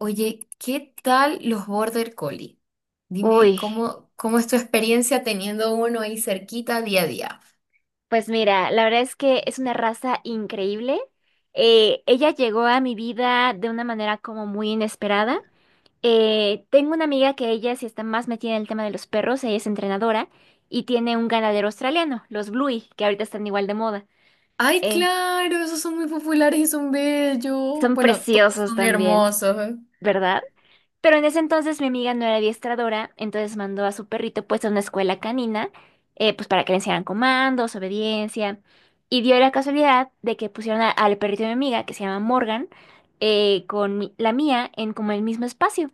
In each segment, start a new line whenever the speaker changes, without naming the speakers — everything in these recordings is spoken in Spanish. Oye, ¿qué tal los Border Collie? Dime
Uy,
cómo es tu experiencia teniendo uno ahí cerquita día a día.
pues mira, la verdad es que es una raza increíble. Ella llegó a mi vida de una manera como muy inesperada. Tengo una amiga que ella sí está más metida en el tema de los perros, ella es entrenadora y tiene un ganadero australiano, los Bluey, que ahorita están igual de moda.
Ay,
Eh,
claro, esos son muy populares y son bellos.
Son
Bueno, todos
preciosos
son
también,
hermosos. ¿Eh?
¿verdad? Pero en ese entonces mi amiga no era adiestradora, entonces mandó a su perrito pues a una escuela canina, pues para que le enseñaran comandos, obediencia. Y dio la casualidad de que pusieron al perrito de mi amiga, que se llama Morgan, con la mía en como el mismo espacio.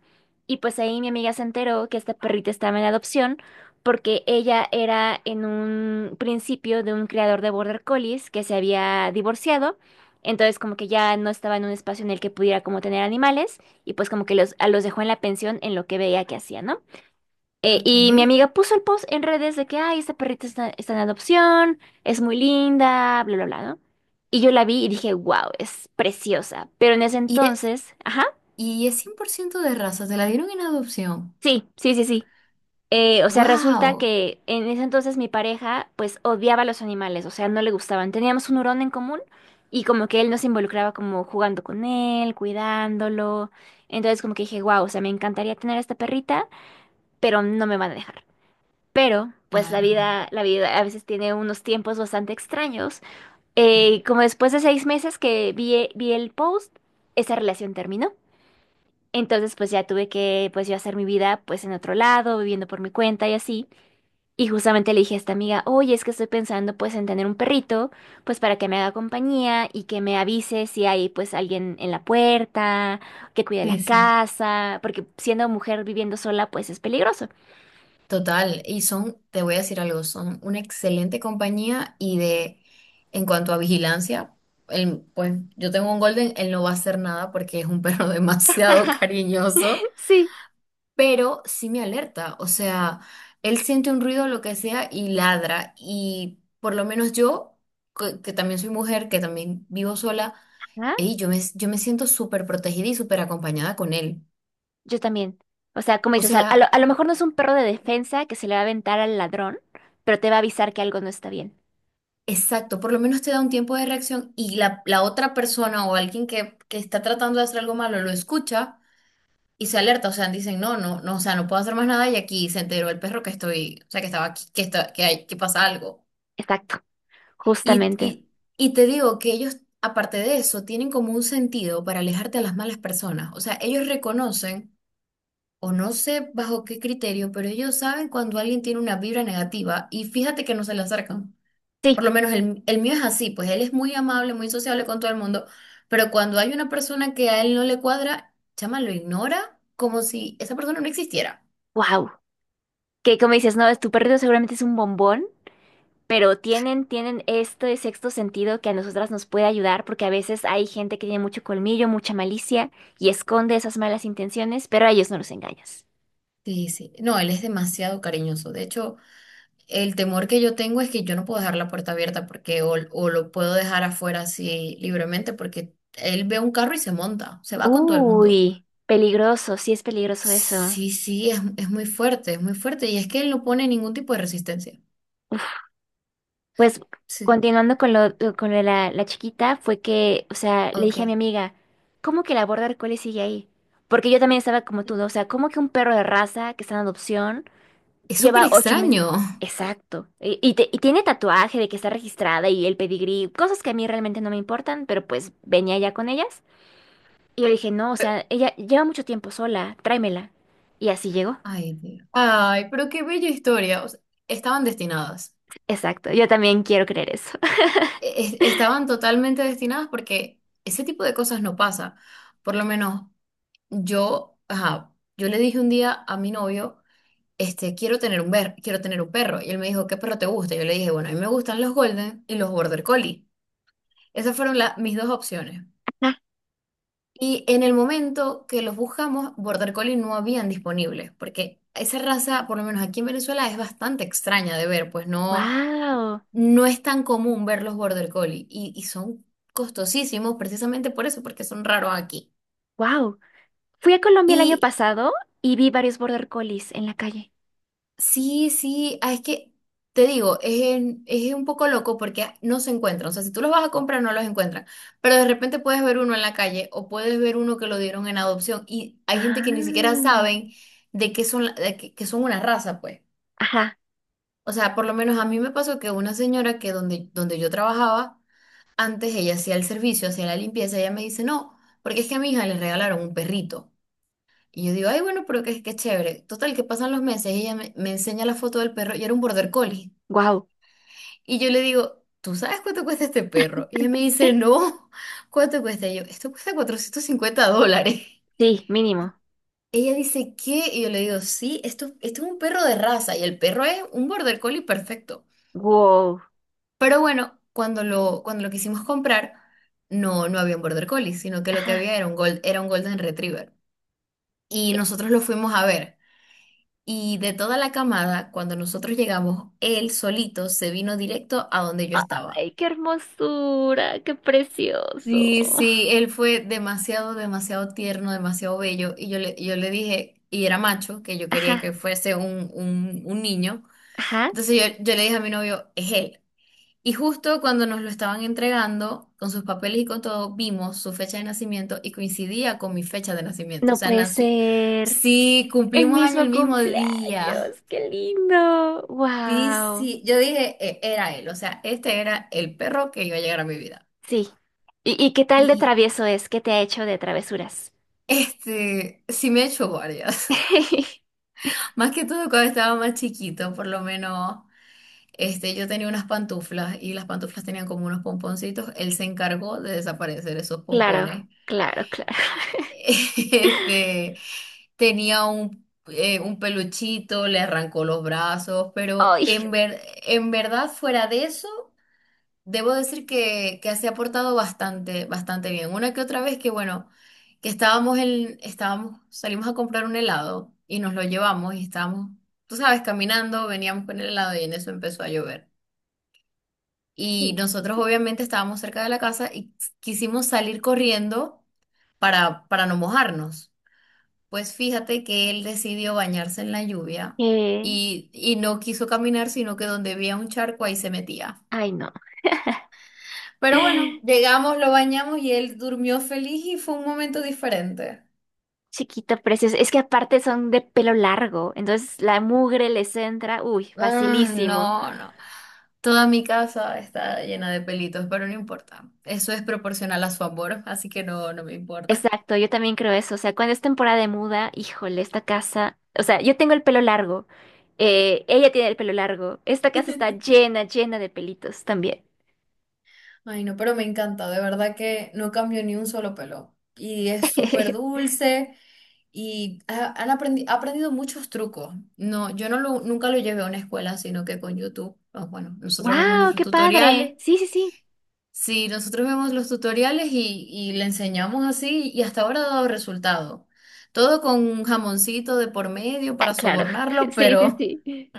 Y pues ahí mi amiga se enteró que esta perrita estaba en adopción porque ella era en un principio de un criador de border collies que se había divorciado, entonces como que ya no estaba en un espacio en el que pudiera como tener animales y pues como que los, a los dejó en la pensión en lo que veía que hacía, ¿no?
Ok.
Y mi amiga puso el post en redes de que, ay, esta perrita está en adopción, es muy linda, bla, bla, bla, ¿no? Y yo la vi y dije, wow, es preciosa. Pero en ese
Y es,
entonces, ajá,
y es 100% de raza, te la dieron en adopción.
sí, sí, sí, sí. O sea, resulta
¡Wow!
que en ese entonces mi pareja pues odiaba a los animales, o sea, no le gustaban. Teníamos un hurón en común y como que él nos involucraba como jugando con él, cuidándolo. Entonces como que dije, wow, o sea, me encantaría tener esta perrita pero no me van a dejar. Pero, pues
Claro.
la vida a veces tiene unos tiempos bastante extraños. Y como después de 6 meses que vi el post, esa relación terminó. Entonces, pues ya tuve que, pues yo hacer mi vida, pues en otro lado, viviendo por mi cuenta y así. Y justamente le dije a esta amiga, oye, es que estoy pensando, pues, en tener un perrito, pues para que me haga compañía y que me avise si hay, pues, alguien en la puerta, que cuide la
Sí, sí.
casa, porque siendo mujer viviendo sola, pues es peligroso.
Total, y son, te voy a decir algo, son una excelente compañía y de, en cuanto a vigilancia, pues yo tengo un Golden, él no va a hacer nada porque es un perro demasiado cariñoso, pero sí me alerta, o sea, él siente un ruido, lo que sea, y ladra, y por lo menos yo, que también soy mujer, que también vivo sola,
Sí.
ey, yo me siento súper protegida y súper acompañada con él.
Yo también. O sea, como
O
dices,
sea...
a lo mejor no es un perro de defensa que se le va a aventar al ladrón, pero te va a avisar que algo no está bien.
Exacto, por lo menos te da un tiempo de reacción y la otra persona o alguien que está tratando de hacer algo malo lo escucha y se alerta, o sea, dicen, no, no, no, o sea, no puedo hacer más nada y aquí se enteró el perro que estoy, o sea, que estaba aquí, que, está, que, hay, que pasa algo.
Exacto,
Y,
justamente.
y, y te digo que ellos, aparte de eso, tienen como un sentido para alejarte a las malas personas, o sea, ellos reconocen, o no sé bajo qué criterio, pero ellos saben cuando alguien tiene una vibra negativa y fíjate que no se le acercan.
Sí,
Por lo menos el mío es así, pues él es muy amable, muy sociable con todo el mundo, pero cuando hay una persona que a él no le cuadra, chama, lo ignora como si esa persona no existiera.
wow. Que como dices, no, es tu perrito seguramente es un bombón pero tienen este sexto sentido que a nosotras nos puede ayudar, porque a veces hay gente que tiene mucho colmillo, mucha malicia y esconde esas malas intenciones, pero a ellos no los engañas.
Sí, sí. No, él es demasiado cariñoso. De hecho, el temor que yo tengo es que yo no puedo dejar la puerta abierta porque o lo puedo dejar afuera así libremente porque él ve un carro y se monta, se va con todo el mundo.
Uy, peligroso, sí es peligroso eso.
Sí, sí, es muy fuerte, es muy fuerte y es que él no pone ningún tipo de resistencia.
Pues
Sí,
continuando con con lo de la chiquita, fue que, o sea, le dije a mi
ok.
amiga, ¿cómo que la border collie sigue ahí? Porque yo también estaba como tú, ¿no? O sea, ¿cómo que un perro de raza que está en adopción?
Es súper
Lleva 8 meses.
extraño.
Exacto. Y tiene tatuaje de que está registrada y el pedigrí, cosas que a mí realmente no me importan, pero pues venía ya con ellas. Y yo dije, no, o sea, ella lleva mucho tiempo sola, tráemela. Y así llegó.
Ay, Dios. Ay, pero qué bella historia. O sea, estaban destinadas.
Exacto. Yo también quiero creer eso.
Estaban totalmente destinadas porque ese tipo de cosas no pasa. Por lo menos yo, ajá, yo le dije un día a mi novio, quiero tener un perro. Y él me dijo, ¿qué perro te gusta? Yo le dije, bueno, a mí me gustan los Golden y los Border Collie. Esas fueron mis dos opciones. Y en el momento que los buscamos, Border Collie no habían disponibles, porque esa raza, por lo menos aquí en Venezuela, es bastante extraña de ver, pues no.
Wow,
No es tan común ver los border collie y son costosísimos precisamente por eso, porque son raros aquí.
wow. Fui a Colombia el año
Y
pasado y vi varios border collies en la calle.
sí, sí, ah, es que te digo, es, es un poco loco porque no se encuentran. O sea, si tú los vas a comprar, no los encuentran. Pero de repente puedes ver uno en la calle o puedes ver uno que lo dieron en adopción y hay gente que ni siquiera
Ah.
saben de qué son, de que, son una raza, pues.
Ajá,
O sea, por lo menos a mí me pasó que una señora que donde yo trabajaba, antes ella hacía el servicio, hacía la limpieza, ella me dice, no, porque es que a mi hija le regalaron un perrito. Y yo digo, ay, bueno, pero qué chévere. Total, que pasan los meses y ella me enseña la foto del perro y era un border collie.
wow.
Y yo le digo, ¿tú sabes cuánto cuesta este perro? Y ella me dice, no, ¿cuánto cuesta? Y yo, esto cuesta $450.
Sí, mínimo.
Ella dice, ¿qué? Y yo le digo, sí, esto es un perro de raza y el perro es un border collie perfecto.
Wow.
Pero bueno, cuando lo quisimos comprar, no, no había un Border Collie, sino que lo que
Ajá.
había era era un Golden Retriever. Y nosotros lo fuimos a ver. Y de toda la camada, cuando nosotros llegamos, él solito se vino directo a donde yo estaba.
Ay, qué hermosura, qué
Y
precioso.
sí, él fue demasiado, demasiado tierno, demasiado bello. Y yo le dije, y era macho, que yo quería
Ajá,
que fuese un niño.
ajá,
Entonces yo le dije a mi novio, es él. Y justo cuando nos lo estaban entregando, con sus papeles y con todo, vimos su fecha de nacimiento y coincidía con mi fecha de nacimiento. O
no
sea,
puede
nació...
ser.
Sí,
El
cumplimos año el
mismo
mismo día.
cumpleaños, qué lindo.
Sí,
Wow.
sí. Yo dije, "Era él. O sea, este era el perro que iba a llegar a mi vida.
Sí. Y qué tal de
Y
travieso es? ¿Qué te ha hecho de travesuras?
sí me he hecho guardias. Más que todo cuando estaba más chiquito, por lo menos, yo tenía unas pantuflas y las pantuflas tenían como unos pomponcitos. Él se encargó de desaparecer esos
Claro,
pompones.
claro, claro.
Este, tenía un peluchito, le arrancó los brazos, pero
Ay,
en verdad, fuera de eso, debo decir que, se ha portado bastante, bastante bien. Una que otra vez que, bueno, que estábamos en, estábamos, salimos a comprar un helado y nos lo llevamos y estábamos, tú sabes, caminando, veníamos con el helado y en eso empezó a llover. Y nosotros obviamente estábamos cerca de la casa y quisimos salir corriendo para no mojarnos. Pues fíjate que él decidió bañarse en la lluvia
eh,
y no quiso caminar, sino que donde había un charco ahí se metía.
ay, no.
Pero bueno, llegamos, lo bañamos y él durmió feliz y fue un momento diferente.
Chiquito, precioso. Es que aparte son de pelo largo, entonces la mugre les entra, uy,
Ah,
facilísimo.
no, no. Toda mi casa está llena de pelitos, pero no importa. Eso es proporcional a su amor, así que no, no me importa.
Exacto, yo también creo eso. O sea, cuando es temporada de muda, híjole, esta casa. O sea, yo tengo el pelo largo. Ella tiene el pelo largo. Esta casa está llena, llena de pelitos también.
Ay, no, pero me encanta, de verdad que no cambió ni un solo pelo. Y es súper dulce y ha aprendido muchos trucos. No, yo no lo, nunca lo llevé a una escuela, sino que con YouTube, pues, bueno, nosotros vemos
¡Wow!
nuestros
¡Qué padre!
tutoriales.
Sí, sí, sí.
Sí, nosotros vemos los tutoriales y le enseñamos así y hasta ahora ha dado resultado. Todo con un jamoncito de por medio
Ah,
para
claro.
sobornarlo,
Sí, sí, sí.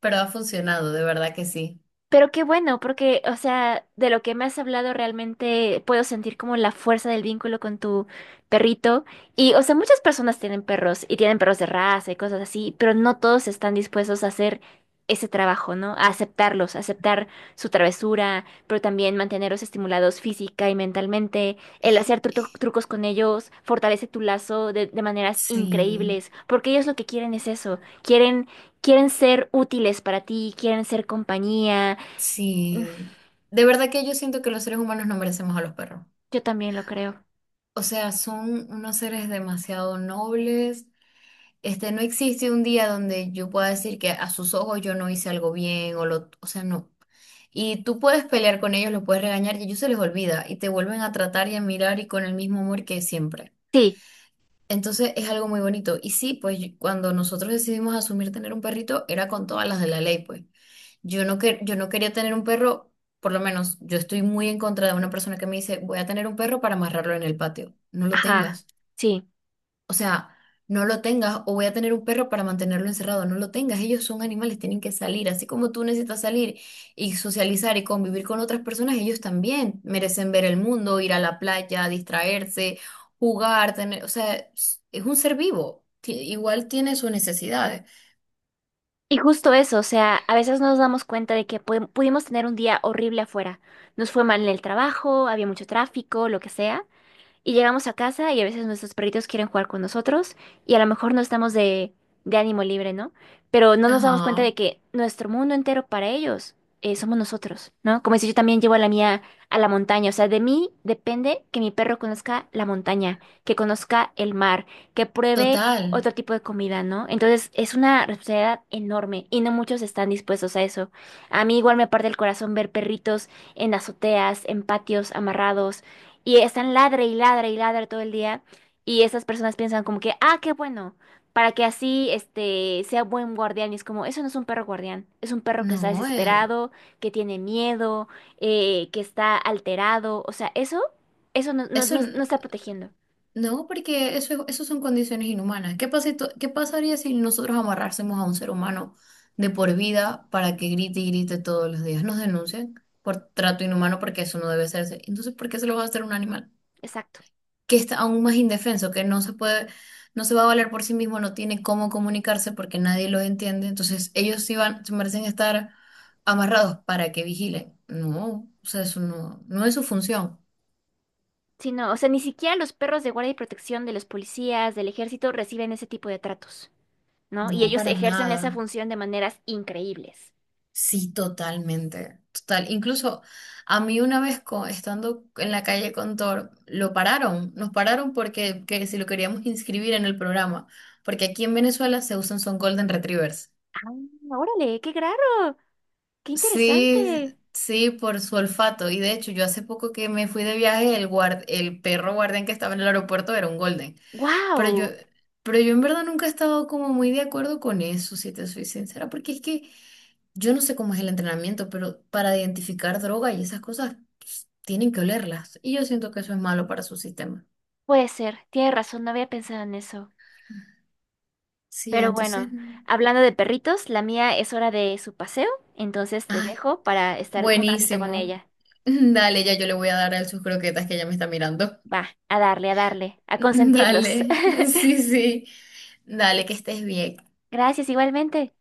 pero ha funcionado, de verdad que sí.
Pero qué bueno, porque, o sea, de lo que me has hablado realmente puedo sentir como la fuerza del vínculo con tu perrito. Y, o sea, muchas personas tienen perros y tienen perros de raza y cosas así, pero no todos están dispuestos a hacer ese trabajo, ¿no? A aceptarlos, a aceptar su travesura, pero también mantenerlos estimulados física y mentalmente. El hacer trucos con ellos fortalece tu lazo de maneras
Sí,
increíbles, porque ellos lo que quieren es eso, quieren... Quieren ser útiles para ti, quieren ser compañía. Mm.
sí, de verdad que yo siento que los seres humanos no merecemos a los perros.
Yo también lo creo.
O sea, son unos seres demasiado nobles. No existe un día donde yo pueda decir que a sus ojos yo no hice algo bien o lo, o sea, no. Y tú puedes pelear con ellos, los puedes regañar y a ellos se les olvida y te vuelven a tratar y a mirar y con el mismo amor que siempre.
Sí,
Entonces es algo muy bonito. Y sí, pues cuando nosotros decidimos asumir tener un perrito, era con todas las de la ley, pues. Yo no, yo no quería tener un perro, por lo menos yo estoy muy en contra de una persona que me dice, voy a tener un perro para amarrarlo en el patio. No lo
ajá,
tengas.
sí.
O sea, no lo tengas o voy a tener un perro para mantenerlo encerrado. No lo tengas. Ellos son animales, tienen que salir. Así como tú necesitas salir y socializar y convivir con otras personas, ellos también merecen ver el mundo, ir a la playa, distraerse, jugar, tener, o sea, es un ser vivo. Ti- Igual tiene sus necesidades.
Y justo eso, o sea, a veces nos damos cuenta de que pudimos tener un día horrible afuera. Nos fue mal en el trabajo, había mucho tráfico, lo que sea. Y llegamos a casa y a veces nuestros perritos quieren jugar con nosotros y a lo mejor no estamos de ánimo libre, ¿no? Pero no nos damos cuenta
Ajá,
de que nuestro mundo entero para ellos somos nosotros, ¿no? Como si yo también llevo a la mía a la montaña, o sea, de mí depende que mi perro conozca la montaña, que conozca el mar, que pruebe
total.
otro tipo de comida, ¿no? Entonces es una responsabilidad enorme y no muchos están dispuestos a eso. A mí igual me parte el corazón ver perritos en azoteas, en patios amarrados y están ladre y ladre y ladre todo el día. Y esas personas piensan como que, ah, qué bueno, para que así este sea buen guardián. Y es como, eso no es un perro guardián, es un perro que está
No,
desesperado, que tiene miedo, que está alterado. O sea, eso
eso.
no está protegiendo.
No, porque eso son condiciones inhumanas. ¿Qué pasa, qué pasaría si nosotros amarrásemos a un ser humano de por vida para que grite y grite todos los días? Nos denuncian por trato inhumano porque eso no debe hacerse. Entonces, ¿por qué se lo va a hacer a un animal
Exacto.
que está aún más indefenso, que no se puede, no se va a valer por sí mismo, no tiene cómo comunicarse porque nadie los entiende? Entonces, ellos sí van, se merecen estar amarrados para que vigilen. No, o sea, eso no, no es su función.
Sí, no, o sea, ni siquiera los perros de guardia y protección de los policías, del ejército, reciben ese tipo de tratos, ¿no? Y
No,
ellos
para
ejercen esa
nada.
función de maneras increíbles.
Sí, totalmente, total. Incluso a mí una vez estando en la calle con Thor, lo pararon, nos pararon porque que si lo queríamos inscribir en el programa, porque aquí en Venezuela se usan son Golden Retrievers.
Ah, órale, qué raro, qué
Sí,
interesante.
sí, por su olfato. Y de hecho, yo hace poco que me fui de viaje, el perro guardián que estaba en el aeropuerto era un Golden. Pero yo,
Wow,
pero yo en verdad nunca he estado como muy de acuerdo con eso, si te soy sincera, porque es que yo no sé cómo es el entrenamiento, pero para identificar droga y esas cosas pues, tienen que olerlas. Y yo siento que eso es malo para su sistema.
puede ser, tiene razón, no había pensado en eso.
Sí,
Pero
entonces,
bueno, hablando de perritos, la mía es hora de su paseo, entonces te
ay,
dejo para estar un ratito con
buenísimo.
ella.
Dale, ya yo le voy a dar a él sus croquetas que ya me está mirando.
Va, a darle, a darle, a consentirlos.
Dale, sí, sí. Dale, que estés bien.
Gracias igualmente.